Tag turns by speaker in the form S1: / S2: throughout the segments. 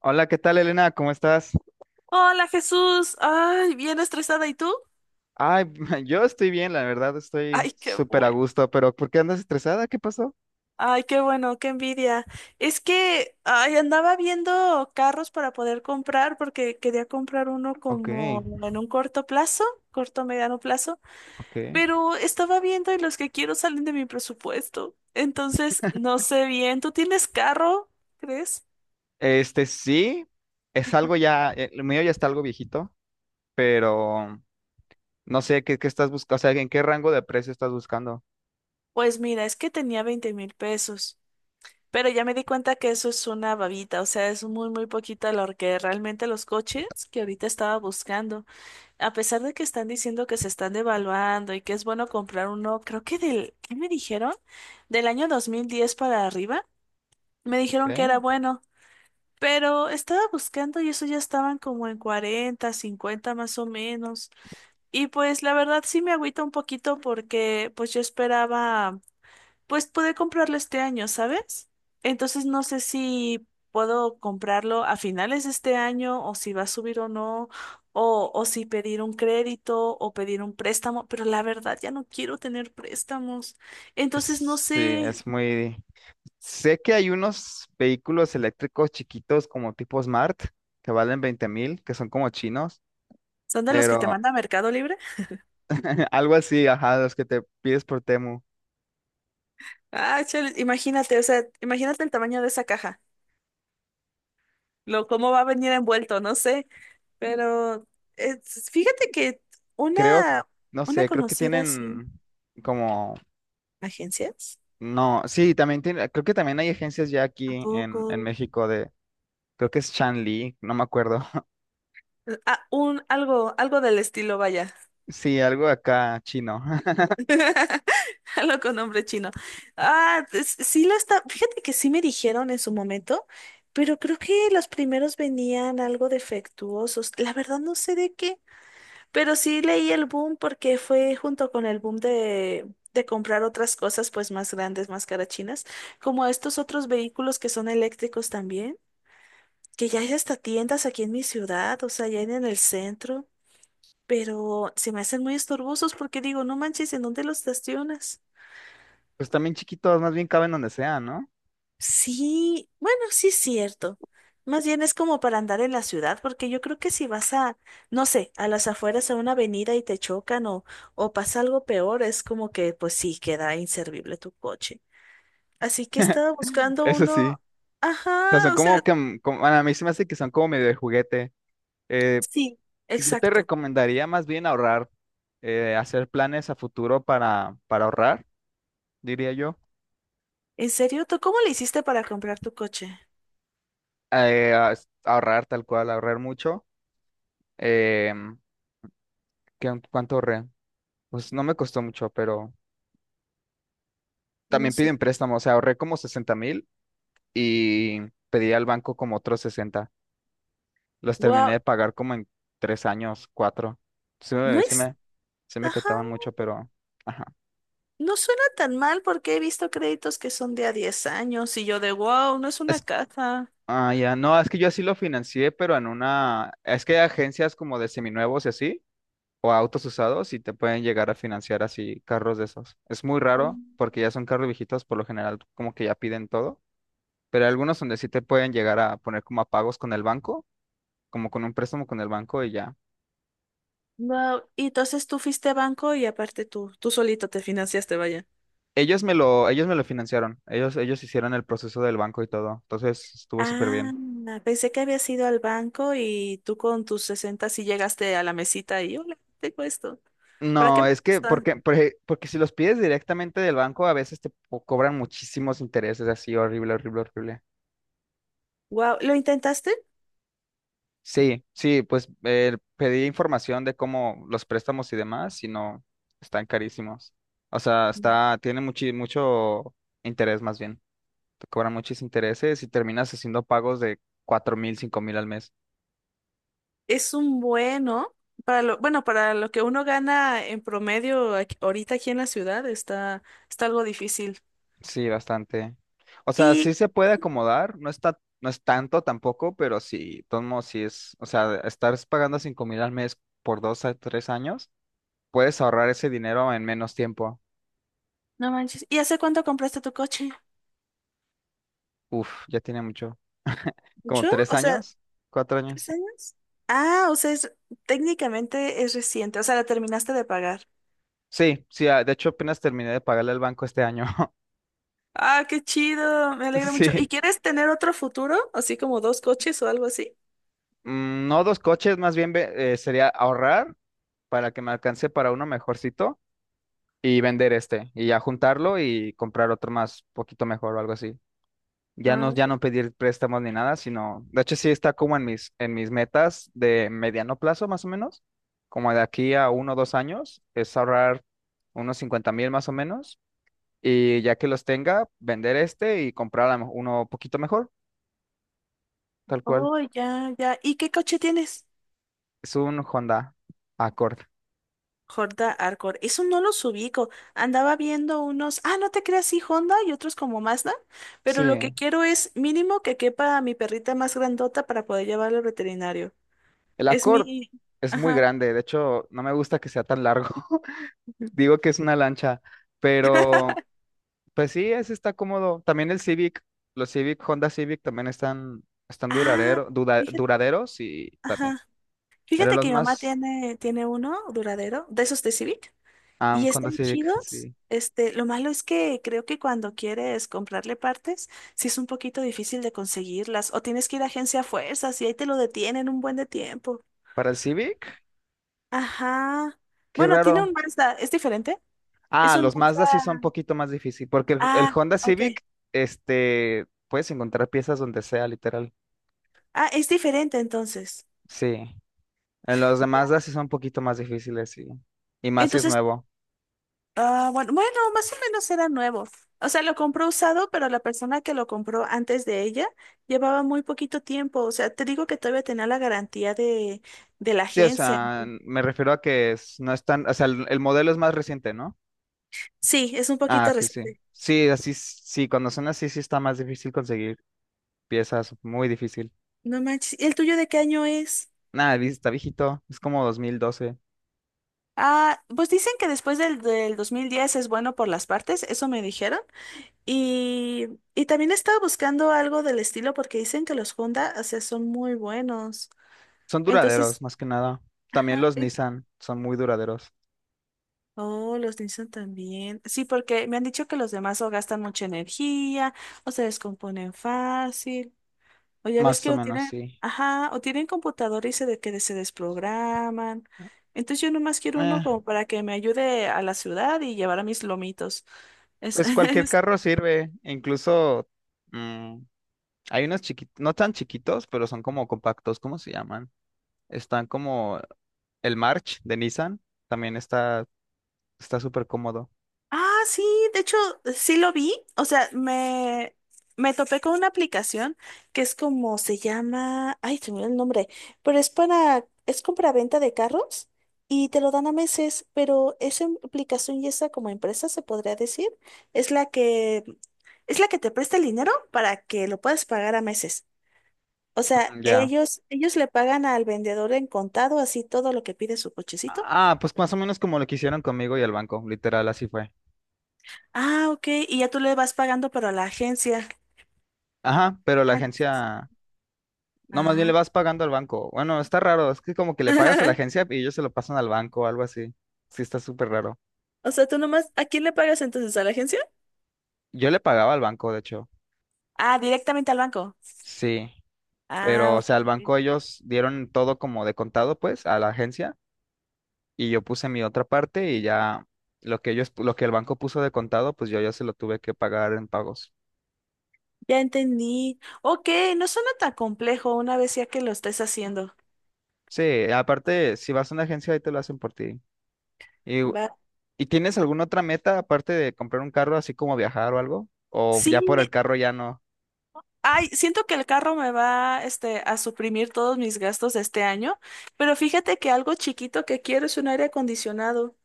S1: Hola, ¿qué tal, Elena? ¿Cómo estás?
S2: Hola Jesús, ay, bien estresada, ¿y tú?
S1: Ay, yo estoy bien, la verdad, estoy
S2: Ay, qué
S1: súper a
S2: bueno,
S1: gusto, pero ¿por qué andas estresada? ¿Qué pasó?
S2: ay, qué bueno, qué envidia. Es que, ay, andaba viendo carros para poder comprar porque quería comprar uno
S1: Ok,
S2: como en un corto plazo, corto mediano plazo,
S1: ok.
S2: pero estaba viendo y los que quiero salen de mi presupuesto. Entonces, no sé bien, ¿tú tienes carro, crees?
S1: Este sí, es algo ya, lo mío ya está algo viejito, pero no sé qué estás buscando, o sea, ¿en qué rango de precio estás buscando?
S2: Pues mira, es que tenía 20,000 pesos. Pero ya me di cuenta que eso es una babita, o sea, es muy, muy poquita lo que realmente los coches que ahorita estaba buscando, a pesar de que están diciendo que se están devaluando y que es bueno comprar uno, creo que del, ¿qué me dijeron? Del año 2010 para arriba, me
S1: Ok.
S2: dijeron que era bueno, pero estaba buscando y eso ya estaban como en 40, 50 más o menos. Y pues la verdad sí me agüita un poquito porque pues yo esperaba pues pude comprarlo este año, ¿sabes? Entonces no sé si puedo comprarlo a finales de este año o si va a subir o no, o si pedir un crédito o pedir un préstamo, pero la verdad ya no quiero tener préstamos. Entonces no
S1: Sí,
S2: sé,
S1: es muy... Sé que hay unos vehículos eléctricos chiquitos como tipo Smart que valen 20,000, que son como chinos,
S2: ¿son de los que te
S1: pero
S2: manda Mercado Libre?
S1: algo así, ajá, los que te pides por Temu.
S2: Ah, chale, imagínate, o sea, imagínate el tamaño de esa caja, lo cómo va a venir envuelto, no sé, pero fíjate que
S1: Creo,
S2: una,
S1: no
S2: una
S1: sé, creo que
S2: conocida sin
S1: tienen como,
S2: agencias.
S1: no, sí, también tiene, creo que también hay agencias ya
S2: ¿A
S1: aquí
S2: poco?
S1: en México de, creo que es Shanli, no me acuerdo.
S2: Ah, un, algo, algo del estilo, vaya.
S1: Sí, algo acá chino.
S2: Algo con nombre chino. Ah, pues, sí lo está. Fíjate que sí me dijeron en su momento, pero creo que los primeros venían algo defectuosos. La verdad no sé de qué, pero sí leí el boom porque fue junto con el boom de comprar otras cosas, pues más grandes, más carachinas, como estos otros vehículos que son eléctricos también, que ya hay hasta tiendas aquí en mi ciudad, o sea, ya en el centro. Pero se me hacen muy estorbosos porque digo, no manches, ¿en dónde los estacionas?
S1: Pues también chiquitos, más bien caben donde sea, ¿no?
S2: Sí, bueno, sí es cierto. Más bien es como para andar en la ciudad, porque yo creo que si vas a, no sé, a las afueras a una avenida y te chocan o pasa algo peor, es como que pues sí queda inservible tu coche. Así que estaba buscando
S1: Eso
S2: uno.
S1: sí. O sea, son
S2: Ajá, o sea,
S1: como que, como- bueno, a mí se me hace que son como medio de juguete. Eh,
S2: sí,
S1: yo te
S2: exacto.
S1: recomendaría más bien ahorrar, hacer planes a futuro para ahorrar, diría yo.
S2: ¿En serio? ¿Tú cómo le hiciste para comprar tu coche?
S1: Eh, a- ahorrar tal cual, ahorrar mucho. Em, ¿Qué- ¿Cuánto ahorré? Pues no me costó mucho, pero
S2: No
S1: también
S2: sé.
S1: piden préstamos. O sea, ahorré como 60,000 y pedí al banco como otros 60. Los terminé
S2: Wow,
S1: de pagar como en 3 años, cuatro. Sí
S2: no
S1: me, sí
S2: es.
S1: me, sí me
S2: Ajá.
S1: costaban mucho, pero... Ajá.
S2: No suena tan mal porque he visto créditos que son de a 10 años y yo de wow, no es una
S1: Es,
S2: casa.
S1: ah, ya. No, es que yo así lo financié, pero en una... Es que hay agencias como de seminuevos y así, o autos usados, y te pueden llegar a financiar así carros de esos. Es muy raro
S2: Mm.
S1: porque ya son carros viejitos, por lo general como que ya piden todo, pero hay algunos donde sí te pueden llegar a poner como a pagos con el banco, como con un préstamo con el banco y ya.
S2: Wow. Y entonces tú fuiste a banco y aparte tú, tú solito te financiaste, vaya.
S1: Ellos me lo financiaron, ellos hicieron el proceso del banco y todo, entonces estuvo súper
S2: Ah,
S1: bien.
S2: pensé que habías ido al banco y tú con tus 60 sí llegaste a la mesita y hola, tengo esto. ¿Para qué
S1: No,
S2: me
S1: es que
S2: gusta?
S1: porque si los pides directamente del banco, a veces te po- cobran muchísimos intereses así, horrible, horrible, horrible.
S2: Wow, ¿lo intentaste?
S1: Sí, sí, pues pedí información de cómo los préstamos y demás, y no, están carísimos. O sea, está, tiene mucho interés más bien. Te cobran muchos intereses y terminas haciendo pagos de 4,000, 5,000 al mes.
S2: Es un bueno, para lo que uno gana en promedio aquí, ahorita aquí en la ciudad está, está algo difícil.
S1: Sí, bastante. O sea,
S2: Y
S1: sí se puede acomodar, no está, no es tanto tampoco, pero sí, de todos modos sí es, o sea, estar pagando 5,000 al mes por dos a 3 años, puedes ahorrar ese dinero en menos tiempo.
S2: no manches. ¿Y hace cuánto compraste tu coche?
S1: Uf, ya tiene mucho. ¿Como
S2: ¿Mucho?
S1: tres
S2: O sea,
S1: años? ¿Cuatro
S2: ¿tres
S1: años?
S2: años? Ah, o sea, es, técnicamente es reciente, o sea, la terminaste de pagar.
S1: Sí, sí, ah, de hecho apenas terminé de pagarle al banco este año.
S2: Ah, qué chido, me alegra mucho. ¿Y
S1: Sí.
S2: quieres tener otro futuro? Así como dos coches o algo así.
S1: No dos coches, más bien ve- sería ahorrar para que me alcance para uno mejorcito y vender este y ya juntarlo y comprar otro más poquito mejor o algo así. Ya
S2: Ah,
S1: no, ya no pedir préstamos ni nada, sino, de hecho sí está como en mis metas de mediano plazo más o menos, como de aquí a uno o 2 años, es ahorrar unos 50,000 más o menos y ya que los tenga, vender este y comprar a lo mejor uno poquito mejor, tal cual.
S2: oh, ya, ya. ¿Y qué coche tienes?
S1: Es un Honda Accord.
S2: Honda Accord. Eso no los ubico. Andaba viendo unos, ah, no te creas, sí, Honda y otros como Mazda, pero lo que
S1: Sí,
S2: quiero es mínimo que quepa a mi perrita más grandota para poder llevarla al veterinario.
S1: el
S2: Es
S1: Accord
S2: mi,
S1: es muy
S2: ajá,
S1: grande, de hecho no me gusta que sea tan largo. Digo que es una lancha, pero pues sí, ese está cómodo. También el Civic, los Civic, Honda Civic también están, están
S2: ah,
S1: duradero, dura-
S2: fíjate,
S1: duraderos y también.
S2: ajá.
S1: Eran
S2: Fíjate
S1: los
S2: que mi mamá
S1: más,
S2: tiene uno duradero, de esos de Civic,
S1: ah, un
S2: y
S1: Honda
S2: están
S1: Civic,
S2: chidos.
S1: sí.
S2: Este, lo malo es que creo que cuando quieres comprarle partes, sí es un poquito difícil de conseguirlas, o tienes que ir a agencia a fuerzas y ahí te lo detienen un buen de tiempo.
S1: Para el Civic,
S2: Ajá.
S1: qué
S2: Bueno, tiene
S1: raro.
S2: un Mazda, ¿es diferente? Es
S1: Ah,
S2: un
S1: los Mazda sí son un
S2: Mazda.
S1: poquito más difícil, porque el
S2: Ah,
S1: Honda
S2: ok.
S1: Civic, este, puedes encontrar piezas donde sea, literal.
S2: Ah, es diferente entonces.
S1: Sí. En los de
S2: Ya.
S1: Mazda sí son un poquito más difíciles, sí. Y más si es
S2: Entonces,
S1: nuevo.
S2: ah, bueno, bueno, más o menos era nuevo. O sea, lo compró usado, pero la persona que lo compró antes de ella llevaba muy poquito tiempo. O sea, te digo que todavía tenía la garantía de la
S1: Sí, o
S2: agencia.
S1: sea, me refiero a que es- no es tan, o sea, el modelo es más reciente, ¿no?
S2: Sí, es un poquito
S1: Ah, que sí.
S2: reciente.
S1: Sí, así, s- sí, cuando son así, sí está más difícil conseguir piezas, muy difícil.
S2: No manches. ¿Y el tuyo de qué año es?
S1: Nada, vi- está viejito, es como 2012.
S2: Ah, pues dicen que después del 2010 es bueno por las partes, eso me dijeron. Y, y también estaba buscando algo del estilo porque dicen que los Honda, o sea, son muy buenos.
S1: Son duraderos,
S2: Entonces,
S1: más que nada. También
S2: ajá,
S1: los Nissan son muy duraderos,
S2: oh, los Nissan también. Sí, porque me han dicho que los demás o gastan mucha energía o se descomponen fácil. O ya ves
S1: más o
S2: que o
S1: menos,
S2: tienen,
S1: sí.
S2: ajá, o tienen computador y que se desprograman. Entonces yo nomás quiero
S1: Eh,
S2: uno como para que me ayude a la ciudad y llevar a mis lomitos. Es,
S1: pues cualquier carro sirve, e incluso mm, hay unos chiquitos, no tan chiquitos, pero son como compactos, ¿cómo se llaman? Están como el March de Nissan, también está. Está súper cómodo.
S2: ah, sí, de hecho, sí lo vi. O sea, me topé con una aplicación que es como se llama. Ay, se me olvidó el nombre. Pero es para. Es compra-venta de carros y te lo dan a meses. Pero esa aplicación y esa como empresa, se podría decir, es la que. Es la que te presta el dinero para que lo puedas pagar a meses. O sea,
S1: Mm, ya.
S2: ellos le pagan al vendedor en contado, así todo lo que pide su cochecito.
S1: Ah, pues más o menos como lo que hicieron conmigo y el banco, literal, así fue.
S2: Ah, ok. Y ya tú le vas pagando, pero a la agencia.
S1: Ajá, pero la
S2: Ah,
S1: agencia, no, más bien le
S2: ah.
S1: vas pagando al banco. Bueno, está raro, es que como que le pagas a la agencia y ellos se lo pasan al banco o algo así. Sí, está súper raro.
S2: O sea, tú nomás, ¿a quién le pagas entonces? ¿A la agencia?
S1: Yo le pagaba al banco, de hecho.
S2: Ah, directamente al banco.
S1: Sí, pero
S2: Ah,
S1: o
S2: ok.
S1: sea, al
S2: Sí.
S1: banco ellos dieron todo como de contado, pues, a la agencia y yo puse mi otra parte y ya lo que ellos, lo que el banco puso de contado, pues yo ya se lo tuve que pagar en pagos.
S2: Ya entendí. Ok, no suena tan complejo una vez ya que lo estés haciendo.
S1: Sí, aparte, si vas a una agencia ahí te lo hacen por ti. ¿Y,
S2: Va.
S1: ¿y tienes alguna otra meta aparte de comprar un carro, así como viajar o algo? ¿O
S2: Sí,
S1: ya por el carro ya no?
S2: ay, siento que el carro me va, este, a suprimir todos mis gastos de este año, pero fíjate que algo chiquito que quiero es un aire acondicionado.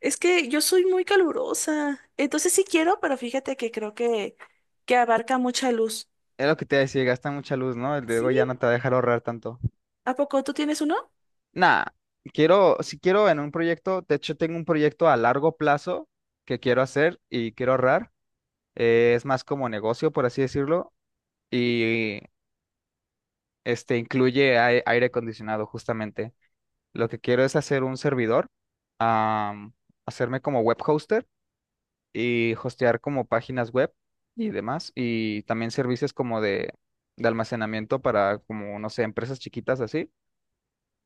S2: Es que yo soy muy calurosa, entonces sí quiero, pero fíjate que creo que abarca mucha luz.
S1: Es lo que te iba a decir, gasta mucha luz, ¿no? El
S2: Sí,
S1: Diego ya no te va a dejar ahorrar tanto.
S2: ¿a poco tú tienes uno?
S1: Nah, quiero, si quiero en un proyecto, de hecho tengo un proyecto a largo plazo que quiero hacer y quiero ahorrar. Es más como negocio, por así decirlo, y este incluye ai- aire acondicionado, justamente. Lo que quiero es hacer un servidor, am, hacerme como web hoster y hostear como páginas web y demás, y también servicios como de almacenamiento para como, no sé, empresas chiquitas así.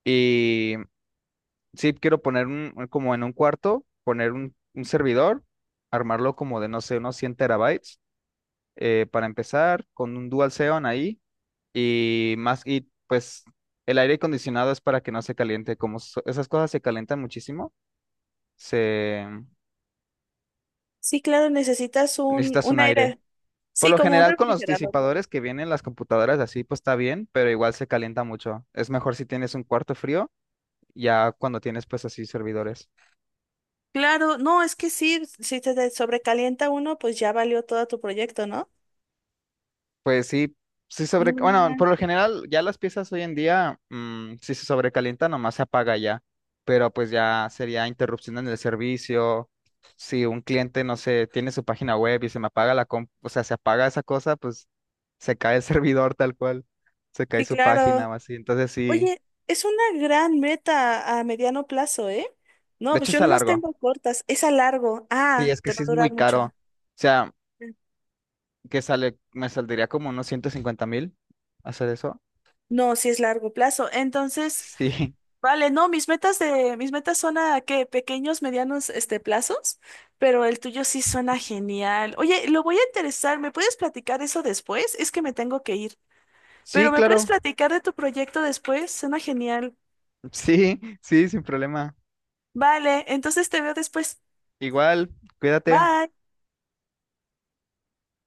S1: Y sí, quiero poner como en un cuarto, poner un servidor, armarlo como de, no sé, unos 100 terabytes para empezar, con un dual Xeon ahí, y más, y pues el aire acondicionado es para que no se caliente, como so- esas cosas se calientan muchísimo, se...
S2: Sí, claro, necesitas
S1: Necesitas
S2: un
S1: un aire.
S2: aire,
S1: Por
S2: sí,
S1: lo
S2: como un
S1: general con los
S2: refrigerador, vaya.
S1: disipadores que vienen las computadoras así, pues está bien, pero igual se calienta mucho. Es mejor si tienes un cuarto frío, ya cuando tienes pues así servidores.
S2: Claro, no, es que sí, si sobrecalienta uno, pues ya valió todo tu proyecto, ¿no?
S1: Pues sí, sí
S2: No,
S1: sobre... Bueno,
S2: man.
S1: por lo general ya las piezas hoy en día, si se sobrecalienta, nomás se apaga ya, pero pues ya sería interrupción en el servicio. Si un cliente, no sé, tiene su página web y se me apaga la comp, o sea, se apaga esa cosa, pues se cae el servidor tal cual, se cae
S2: Sí,
S1: su página
S2: claro.
S1: o así. Entonces sí,
S2: Oye, es una gran meta a mediano plazo, ¿eh? No,
S1: de
S2: pues
S1: hecho
S2: yo
S1: está
S2: nomás
S1: largo.
S2: tengo cortas, es a largo.
S1: Sí,
S2: Ah,
S1: es que
S2: te va
S1: sí
S2: a
S1: es muy
S2: durar
S1: caro.
S2: mucho.
S1: O sea, que sale, me saldría como unos 150,000 hacer eso.
S2: No, sí es largo plazo. Entonces,
S1: Sí,
S2: vale, no, mis metas de, mis metas son a qué, pequeños, medianos, este, plazos, pero el tuyo sí suena genial. Oye, lo voy a interesar, ¿me puedes platicar eso después? Es que me tengo que ir,
S1: sí,
S2: pero ¿me puedes
S1: claro.
S2: platicar de tu proyecto después? Suena genial.
S1: Sí, sí, sin problema.
S2: Vale, entonces te veo después.
S1: Igual, cuídate.
S2: Bye.